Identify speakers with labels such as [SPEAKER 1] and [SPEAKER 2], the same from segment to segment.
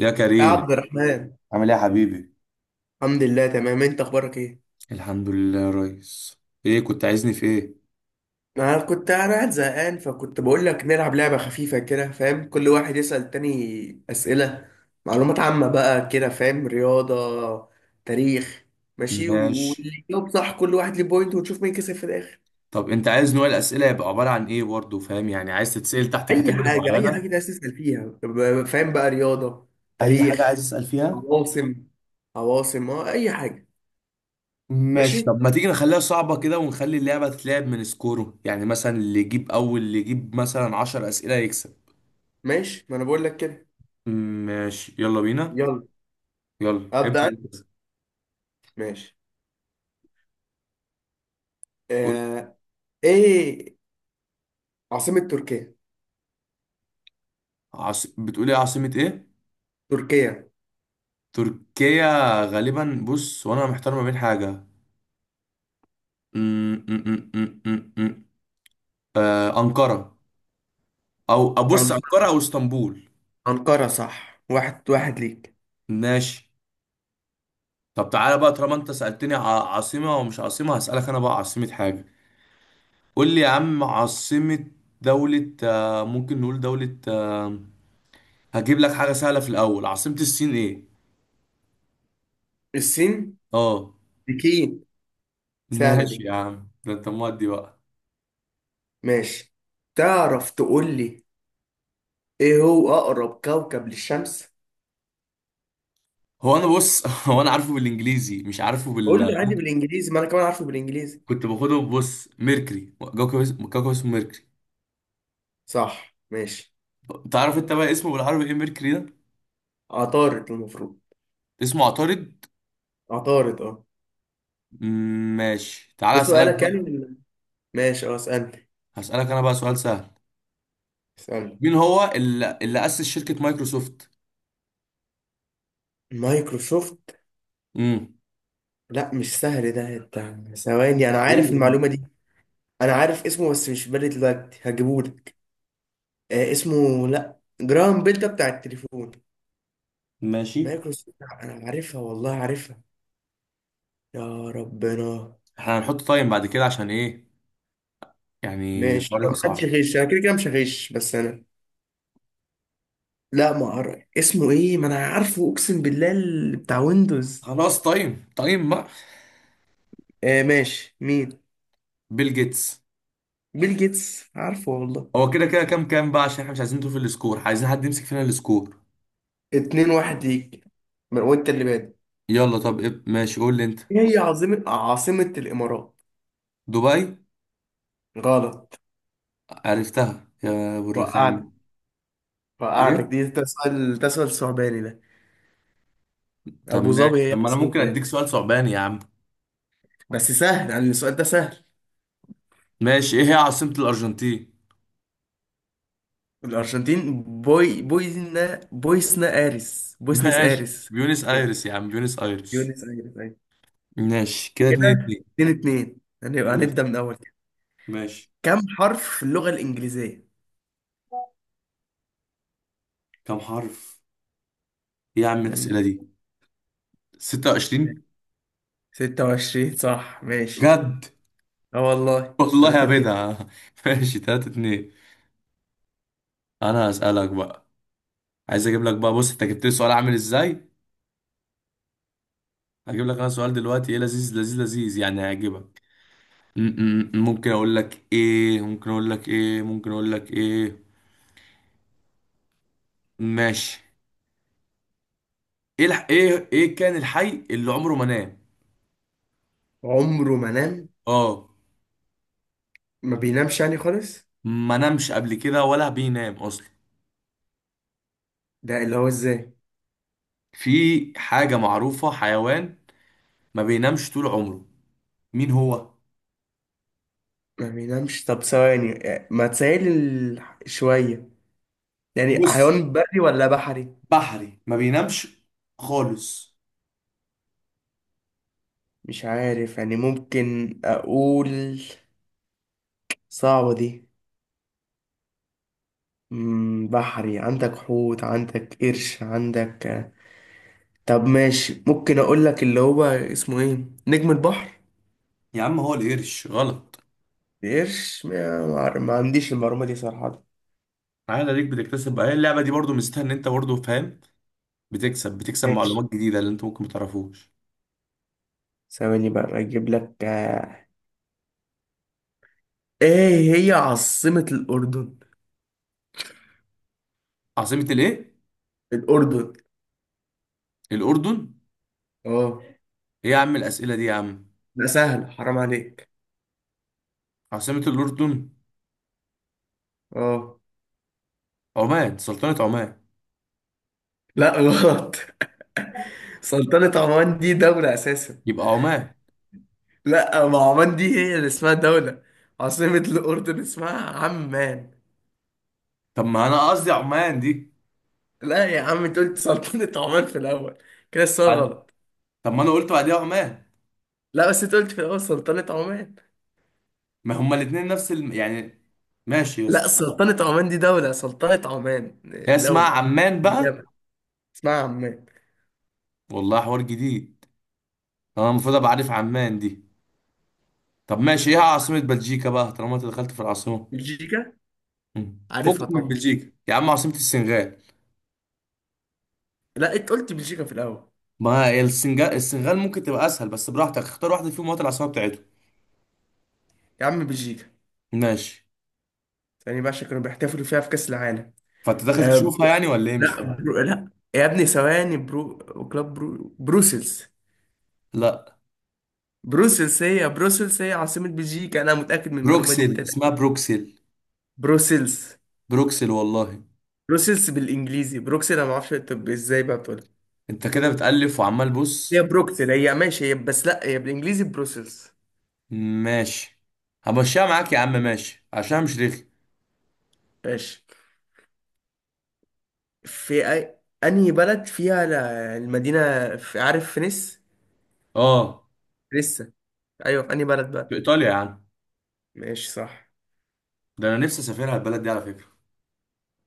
[SPEAKER 1] يا
[SPEAKER 2] يا
[SPEAKER 1] كريم،
[SPEAKER 2] عبد الرحمن،
[SPEAKER 1] عامل ايه يا حبيبي؟
[SPEAKER 2] الحمد لله، تمام. انت اخبارك ايه؟
[SPEAKER 1] الحمد لله يا ريس. ايه كنت عايزني في ايه؟
[SPEAKER 2] انا قاعد زهقان، فكنت بقول لك نلعب لعبه خفيفه كده، فاهم؟ كل واحد يسأل التاني اسئله معلومات عامه بقى كده، فاهم؟ رياضه، تاريخ، ماشي.
[SPEAKER 1] ماشي.
[SPEAKER 2] واللي يجاوب صح كل واحد ليه بوينت، ونشوف مين كسب في الاخر.
[SPEAKER 1] طب انت عايز نوع الاسئله يبقى عباره عن ايه برضه، فاهم؟ يعني عايز تتسال تحت
[SPEAKER 2] اي
[SPEAKER 1] كاتيجوري
[SPEAKER 2] حاجه، اي حاجه
[SPEAKER 1] معينه؟
[SPEAKER 2] ده تسأل فيها. فاهم بقى؟ رياضه،
[SPEAKER 1] اي حاجه عايز
[SPEAKER 2] تاريخ.
[SPEAKER 1] اسال فيها.
[SPEAKER 2] عواصم. عواصم، اه، اي حاجه.
[SPEAKER 1] ماشي.
[SPEAKER 2] ماشي.
[SPEAKER 1] طب ما تيجي نخليها صعبه كده، ونخلي اللعبه تتلعب من سكوره، يعني مثلا اللي يجيب اول، اللي يجيب مثلا 10 اسئله يكسب.
[SPEAKER 2] ماشي، ما انا بقول لك كده.
[SPEAKER 1] ماشي، يلا بينا.
[SPEAKER 2] يلا،
[SPEAKER 1] يلا ابدا
[SPEAKER 2] ابدا.
[SPEAKER 1] انت.
[SPEAKER 2] ماشي،
[SPEAKER 1] قول لي،
[SPEAKER 2] آه، ايه عاصمة تركيا؟
[SPEAKER 1] بتقول ايه، عاصمه ايه؟
[SPEAKER 2] تركيا.
[SPEAKER 1] تركيا. غالبا، بص، وانا محتار ما بين حاجه. أمم، أمم، أمم، أمم، أمم. أنقرة. أو أبص، أنقرة
[SPEAKER 2] أنق-
[SPEAKER 1] أو اسطنبول.
[SPEAKER 2] أنقرة. صح، واحد واحد ليك.
[SPEAKER 1] ماشي. طب تعالى بقى، طالما أنت سألتني عاصمة ومش عاصمة، هسألك أنا بقى عاصمة حاجة. قول لي يا عم عاصمة دولة، ممكن نقول دولة، هجيب لك حاجة سهلة في الأول. عاصمة الصين إيه؟
[SPEAKER 2] الصين،
[SPEAKER 1] أه.
[SPEAKER 2] بكين. سهلة
[SPEAKER 1] ماشي
[SPEAKER 2] دي.
[SPEAKER 1] يا عم، ده أنت مودي بقى.
[SPEAKER 2] ماشي. تعرف تقول لي، ايه هو أقرب كوكب للشمس؟
[SPEAKER 1] هو أنا بص هو أنا عارفه بالإنجليزي، مش عارفه
[SPEAKER 2] قول
[SPEAKER 1] بال
[SPEAKER 2] لي عادي بالإنجليزي، ما أنا كمان عارفه بالإنجليزي.
[SPEAKER 1] كنت باخده، بص، ميركري، كوكب اسمه، كوكب اسمه ميركري.
[SPEAKER 2] صح. ماشي.
[SPEAKER 1] تعرف انت بقى اسمه بالعربي ايه، ميركوري ده؟
[SPEAKER 2] عطارد المفروض.
[SPEAKER 1] اسمه عطارد.
[SPEAKER 2] عطارد، اه.
[SPEAKER 1] ماشي، تعال
[SPEAKER 2] ده
[SPEAKER 1] اسالك
[SPEAKER 2] سؤالك يعني
[SPEAKER 1] بقى.
[SPEAKER 2] ولا-؟ ماشي، اه، اسألني.
[SPEAKER 1] هسالك انا بقى سؤال سهل.
[SPEAKER 2] اسألني.
[SPEAKER 1] مين هو اللي اسس شركة مايكروسوفت؟
[SPEAKER 2] مايكروسوفت.
[SPEAKER 1] امم
[SPEAKER 2] لا، مش سهل ده. ثواني، أنا عارف
[SPEAKER 1] ايه؟
[SPEAKER 2] المعلومة دي. أنا عارف اسمه بس مش في بالي دلوقتي، هجيبهولك. اسمه، لا، جرام بيل ده بتاع التليفون.
[SPEAKER 1] ماشي،
[SPEAKER 2] مايكروسوفت. انا عارفها، والله عارفها. يا ربنا.
[SPEAKER 1] احنا هنحط تايم بعد كده عشان ايه؟ يعني
[SPEAKER 2] ماشي،
[SPEAKER 1] الحوار
[SPEAKER 2] طب
[SPEAKER 1] يبقى
[SPEAKER 2] ما حدش
[SPEAKER 1] صعب.
[SPEAKER 2] يغش. انا كده كده مش هغش، بس انا. لا، ما اعرف اسمه ايه، ما انا عارفه اقسم بالله، اللي بتاع ويندوز.
[SPEAKER 1] خلاص، تايم تايم بقى.
[SPEAKER 2] ماشي، مين؟
[SPEAKER 1] بيل جيتس.
[SPEAKER 2] بيل جيتس، عارفه والله.
[SPEAKER 1] هو كده كده كام كام بقى، عشان احنا مش عايزين نطول في السكور، عايزين حد يمسك فينا السكور.
[SPEAKER 2] اتنين واحد ليك. وانت اللي بادئ.
[SPEAKER 1] يلا. طب إيه؟ ماشي، قول لي انت.
[SPEAKER 2] ايه هي عاصمة الامارات؟
[SPEAKER 1] دبي.
[SPEAKER 2] غلط.
[SPEAKER 1] عرفتها يا ابو
[SPEAKER 2] وقعت.
[SPEAKER 1] الرخام.
[SPEAKER 2] وقعتك
[SPEAKER 1] ايه؟
[SPEAKER 2] دي. ده سؤال صعباني ده.
[SPEAKER 1] طب
[SPEAKER 2] ابو
[SPEAKER 1] ماشي.
[SPEAKER 2] ظبي هي
[SPEAKER 1] طب ما انا
[SPEAKER 2] عاصمة،
[SPEAKER 1] ممكن اديك
[SPEAKER 2] ايه؟
[SPEAKER 1] سؤال صعباني يا عم.
[SPEAKER 2] بس سهل يعني، السؤال ده سهل.
[SPEAKER 1] ماشي، ايه هي عاصمة الأرجنتين؟
[SPEAKER 2] الأرجنتين. بوي، بويزنا، بويسنا آريس، بويسنس
[SPEAKER 1] ماشي،
[SPEAKER 2] آريس.
[SPEAKER 1] بيونس
[SPEAKER 2] كده،
[SPEAKER 1] ايرس يا عم، بيونس ايرس.
[SPEAKER 2] بيونس آريس، أيوة.
[SPEAKER 1] ماشي، كده اتنين
[SPEAKER 2] كده،
[SPEAKER 1] اتنين.
[SPEAKER 2] اتنين اتنين. هنبدأ
[SPEAKER 1] ماشي،
[SPEAKER 2] من أول كده.
[SPEAKER 1] ماشي.
[SPEAKER 2] كم حرف في اللغة الإنجليزية؟
[SPEAKER 1] كم حرف؟ ايه يا عم
[SPEAKER 2] مم.
[SPEAKER 1] الأسئلة دي؟ 26.
[SPEAKER 2] 26، صح. ماشي.
[SPEAKER 1] بجد.
[SPEAKER 2] اه، والله.
[SPEAKER 1] والله يا
[SPEAKER 2] تلاتة اتنين.
[SPEAKER 1] بدعة ماشي، تلاتة اتنين. انا هسألك بقى. عايز اجيب لك بقى، بص انت جبت لي سؤال عامل ازاي. هجيب لك انا سؤال دلوقتي ايه لذيذ لذيذ لذيذ، يعني هيعجبك. ممكن اقول لك ايه، ممكن اقول لك ايه، ممكن اقول لك ايه. ماشي. ايه كان الحي اللي عمره ما نام.
[SPEAKER 2] عمره ما نام؟
[SPEAKER 1] اه.
[SPEAKER 2] ما بينامش يعني خالص؟
[SPEAKER 1] ما نامش قبل كده ولا بينام اصلا.
[SPEAKER 2] ده اللي هو ازاي؟
[SPEAKER 1] في حاجة معروفة، حيوان، ما بينامش طول عمره. مين هو؟
[SPEAKER 2] ما بينامش؟ طب ثواني. ما تسهل شوية. يعني
[SPEAKER 1] بص،
[SPEAKER 2] حيوان بري ولا بحري؟
[SPEAKER 1] بحري، ما بينامش خالص.
[SPEAKER 2] مش عارف يعني، ممكن أقول. صعبة دي. بحري، عندك حوت، عندك قرش، عندك. طب ماشي، ممكن اقول لك اللي هو اسمه ايه؟ نجم البحر.
[SPEAKER 1] يا عم، هو القرش غلط.
[SPEAKER 2] قرش. ما عنديش المعلومة دي صراحة.
[SPEAKER 1] عادي، ليك، بتكتسب بقى. هي اللعبة دي برضو ميزتها ان انت برضو فاهم، بتكسب
[SPEAKER 2] ماشي.
[SPEAKER 1] معلومات جديدة اللي انت ممكن ما تعرفوش.
[SPEAKER 2] ثواني بقى اجيب لك. ايه هي عاصمة الأردن؟
[SPEAKER 1] عاصمة الايه؟
[SPEAKER 2] الأردن،
[SPEAKER 1] الاردن.
[SPEAKER 2] اه.
[SPEAKER 1] ايه يا عم الاسئلة دي يا عم!
[SPEAKER 2] لا، سهل، حرام عليك.
[SPEAKER 1] عاصمة الاردن.
[SPEAKER 2] اه.
[SPEAKER 1] عمان، سلطنة عمان.
[SPEAKER 2] لا، غلط. سلطنة عمان دي دولة أساسا.
[SPEAKER 1] يبقى عمان.
[SPEAKER 2] لا، ما عمان دي هي اللي اسمها دولة. عاصمة الأردن اسمها عمان.
[SPEAKER 1] طب ما انا قصدي عمان دي.
[SPEAKER 2] لا يا عم، انت قلت سلطنة عمان في الأول، كده السؤال
[SPEAKER 1] بعد-
[SPEAKER 2] غلط.
[SPEAKER 1] طب ما انا قلت بعديها عمان.
[SPEAKER 2] لا، بس انت قلت في الأول سلطنة عمان.
[SPEAKER 1] ما هما الاتنين نفس يعني. ماشي يا
[SPEAKER 2] لا،
[SPEAKER 1] اسطى.
[SPEAKER 2] سلطنة عمان دي دولة. سلطنة عمان
[SPEAKER 1] هي اسمها
[SPEAKER 2] دولة في
[SPEAKER 1] عمان بقى.
[SPEAKER 2] اليمن اسمها عمان.
[SPEAKER 1] والله حوار جديد. انا المفروض ابقى عارف عمان دي. طب ماشي، ايه
[SPEAKER 2] آه،
[SPEAKER 1] عاصمة بلجيكا بقى، طالما انت دخلت في العاصمة.
[SPEAKER 2] بلجيكا؟ عارفها
[SPEAKER 1] فكك من
[SPEAKER 2] طبعا.
[SPEAKER 1] بلجيكا يا عم. عاصمة السنغال.
[SPEAKER 2] لا، انت قلت بلجيكا في الأول.
[SPEAKER 1] ما هي السنغال، السنغال ممكن تبقى اسهل، بس براحتك، اختار واحدة فيهم وهات العاصمة بتاعتهم.
[SPEAKER 2] يا عم، بلجيكا.
[SPEAKER 1] ماشي.
[SPEAKER 2] ثاني بقى عشان كانوا بيحتفلوا فيها في كأس العالم.
[SPEAKER 1] فانت داخل
[SPEAKER 2] آه ب-
[SPEAKER 1] تشوفها يعني ولا ايه؟ مش
[SPEAKER 2] لا،
[SPEAKER 1] فاهم.
[SPEAKER 2] لا. يا ابني ثواني، بروسلز.
[SPEAKER 1] لا،
[SPEAKER 2] بروسلز هي عاصمة بلجيكا. أنا متأكد من المعلومة دي،
[SPEAKER 1] بروكسل، اسمها
[SPEAKER 2] تتأكد.
[SPEAKER 1] بروكسل.
[SPEAKER 2] بروسلز
[SPEAKER 1] بروكسل والله.
[SPEAKER 2] بروسلز بالانجليزي، بروكسل انا ما اعرفش. طب ازاي بقى بتقولها؟
[SPEAKER 1] انت كده بتألف وعمال
[SPEAKER 2] هي
[SPEAKER 1] بص.
[SPEAKER 2] بروكسل، هي ماشي، هي، بس لا، هي بالانجليزي بروسلز.
[SPEAKER 1] ماشي، همشيها معاك يا عم، ماشي، عشان مش رخي.
[SPEAKER 2] ماشي. في أي... انهي بلد فيها المدينة؟ في، عارف، فينيس،
[SPEAKER 1] اه.
[SPEAKER 2] لسه؟ ايوه. في انهي بلد
[SPEAKER 1] في
[SPEAKER 2] بقى؟
[SPEAKER 1] ايطاليا يا عم.
[SPEAKER 2] ماشي صح.
[SPEAKER 1] ده انا نفسي اسافرها البلد دي على فكره.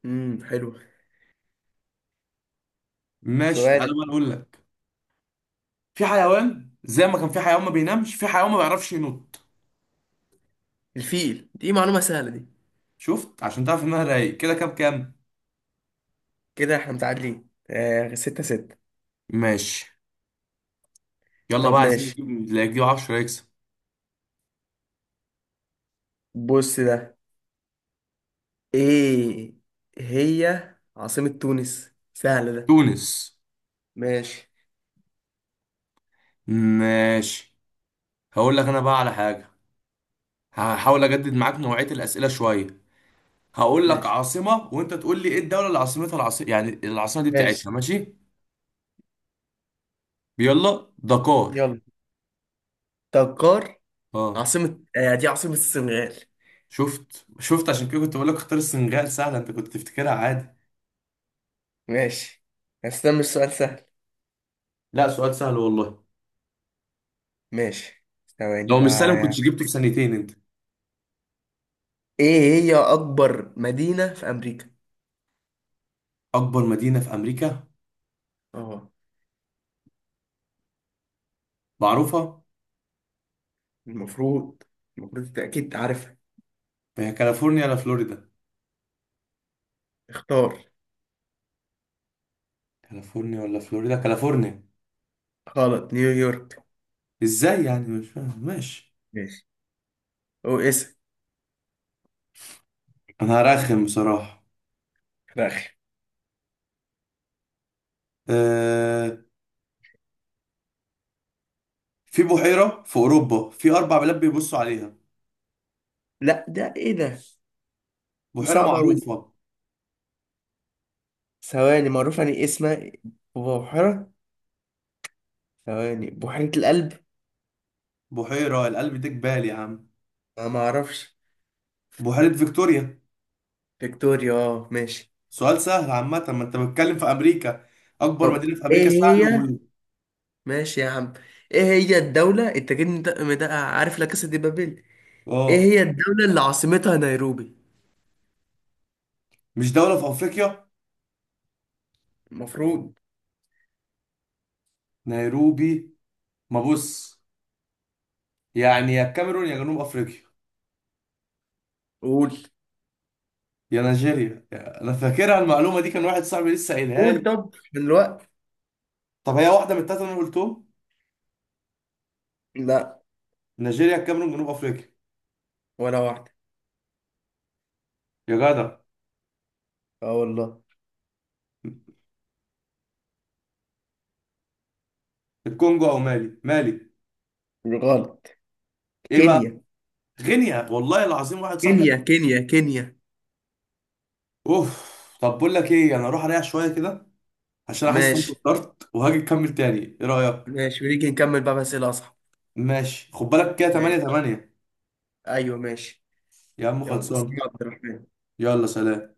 [SPEAKER 2] حلو.
[SPEAKER 1] ماشي، تعالى
[SPEAKER 2] سؤالك.
[SPEAKER 1] بقى اقول لك. في حيوان، زي ما كان في حيوان ما بينامش، في حيوان ما بيعرفش ينط.
[SPEAKER 2] الفيل، دي معلومة سهلة دي.
[SPEAKER 1] شفت، عشان تعرف انها رايق كده؟ كام كام؟
[SPEAKER 2] كده احنا متعادلين، ستة ستة.
[SPEAKER 1] ماشي. يلا
[SPEAKER 2] طب
[SPEAKER 1] بقى، عايزين
[SPEAKER 2] ماشي.
[SPEAKER 1] نجيب اللي يجيب 10 يكسب.
[SPEAKER 2] بص ده، ايه هي عاصمة تونس؟ سهلة ده.
[SPEAKER 1] تونس.
[SPEAKER 2] ماشي.
[SPEAKER 1] ماشي. هقول لك انا بقى على حاجه. هحاول اجدد معاك نوعيه الاسئله شويه. هقول لك
[SPEAKER 2] ماشي.
[SPEAKER 1] عاصمه وانت تقول لي ايه الدوله اللي عاصمتها العاصمه، يعني العاصمه دي
[SPEAKER 2] ماشي.
[SPEAKER 1] بتاعتها. ماشي. يلا، دكار.
[SPEAKER 2] يلا. تجار،
[SPEAKER 1] اه.
[SPEAKER 2] عاصمة، دي عاصمة السنغال.
[SPEAKER 1] شفت شفت، عشان كده كنت بقول لك اختار السنغال سهله، انت كنت تفتكرها عادي.
[SPEAKER 2] ماشي. هستنى السؤال سهل.
[SPEAKER 1] لا، سؤال سهل والله.
[SPEAKER 2] ماشي. ثواني
[SPEAKER 1] لو مش سهل ما
[SPEAKER 2] بقى.
[SPEAKER 1] كنتش جبته في ثانيتين انت.
[SPEAKER 2] ايه هي أكبر مدينة في أمريكا؟
[SPEAKER 1] اكبر مدينه في امريكا؟
[SPEAKER 2] اه.
[SPEAKER 1] معروفه.
[SPEAKER 2] المفروض. المفروض، انت أكيد عارفها.
[SPEAKER 1] هي كاليفورنيا ولا فلوريدا؟
[SPEAKER 2] اختار.
[SPEAKER 1] كاليفورنيا ولا فلوريدا، كاليفورنيا.
[SPEAKER 2] غلط، نيويورك.
[SPEAKER 1] ازاي يعني؟ مش فاهم. ماشي.
[SPEAKER 2] ماشي. او اسم.
[SPEAKER 1] انا هرخم بصراحه.
[SPEAKER 2] رخي.
[SPEAKER 1] أه... في بحيره في اوروبا في اربع بلاد بيبصوا عليها.
[SPEAKER 2] لا، ده ايه ده؟ دي
[SPEAKER 1] بحيره
[SPEAKER 2] صعبة أوي دي.
[SPEAKER 1] معروفه.
[SPEAKER 2] ثواني، معروف يعني إيه اسمها؟ بحيرة. ثواني، بحيرة القلب.
[SPEAKER 1] بحيره القلب ده جبال يا عم.
[SPEAKER 2] أنا ما أعرفش.
[SPEAKER 1] بحيره فيكتوريا.
[SPEAKER 2] فيكتوريا، اه. ماشي.
[SPEAKER 1] سؤال سهل عامه، ما انت بتتكلم في امريكا. اكبر
[SPEAKER 2] طب،
[SPEAKER 1] مدينه في
[SPEAKER 2] ايه
[SPEAKER 1] امريكا سهل.
[SPEAKER 2] هي؟ ماشي يا عم. ايه هي الدولة، التاجين مدقق مدقق، عارف، لا كاسا دي بابيل. ايه
[SPEAKER 1] اه.
[SPEAKER 2] هي الدولة اللي عاصمتها نيروبي؟
[SPEAKER 1] مش دولة في افريقيا؟
[SPEAKER 2] المفروض.
[SPEAKER 1] نيروبي. ما بص، يعني يا الكاميرون يا جنوب افريقيا،
[SPEAKER 2] قول.
[SPEAKER 1] يا نيجيريا انا فاكرها المعلومة دي، كان واحد صاحبي لسه قايلها
[SPEAKER 2] قول
[SPEAKER 1] لي.
[SPEAKER 2] طب من الوقت.
[SPEAKER 1] طب هي واحدة من التلاتة اللي انا قلتهم؟
[SPEAKER 2] لا.
[SPEAKER 1] نيجيريا، الكاميرون، جنوب افريقيا.
[SPEAKER 2] ولا واحدة.
[SPEAKER 1] يا جدع.
[SPEAKER 2] اه والله.
[SPEAKER 1] الكونجو او مالي، مالي.
[SPEAKER 2] غلط.
[SPEAKER 1] ايه بقى؟
[SPEAKER 2] كينيا،
[SPEAKER 1] غينيا والله العظيم، واحد صاحبي.
[SPEAKER 2] كينيا، كينيا، كينيا.
[SPEAKER 1] اوف. طب بقول لك ايه، انا اروح اريح شوية كده، عشان احس ان انا
[SPEAKER 2] ماشي.
[SPEAKER 1] اتوترت، وهاجي نكمل تاني. ايه رأيك؟
[SPEAKER 2] ماشي ونيجي نكمل بقى بس الأصعب.
[SPEAKER 1] ماشي. خد بالك كده 8
[SPEAKER 2] ماشي.
[SPEAKER 1] 8
[SPEAKER 2] ايوه، ماشي.
[SPEAKER 1] يا عم
[SPEAKER 2] يلا، سلام
[SPEAKER 1] خلصان.
[SPEAKER 2] يا عبد الرحمن.
[SPEAKER 1] يلا سلام.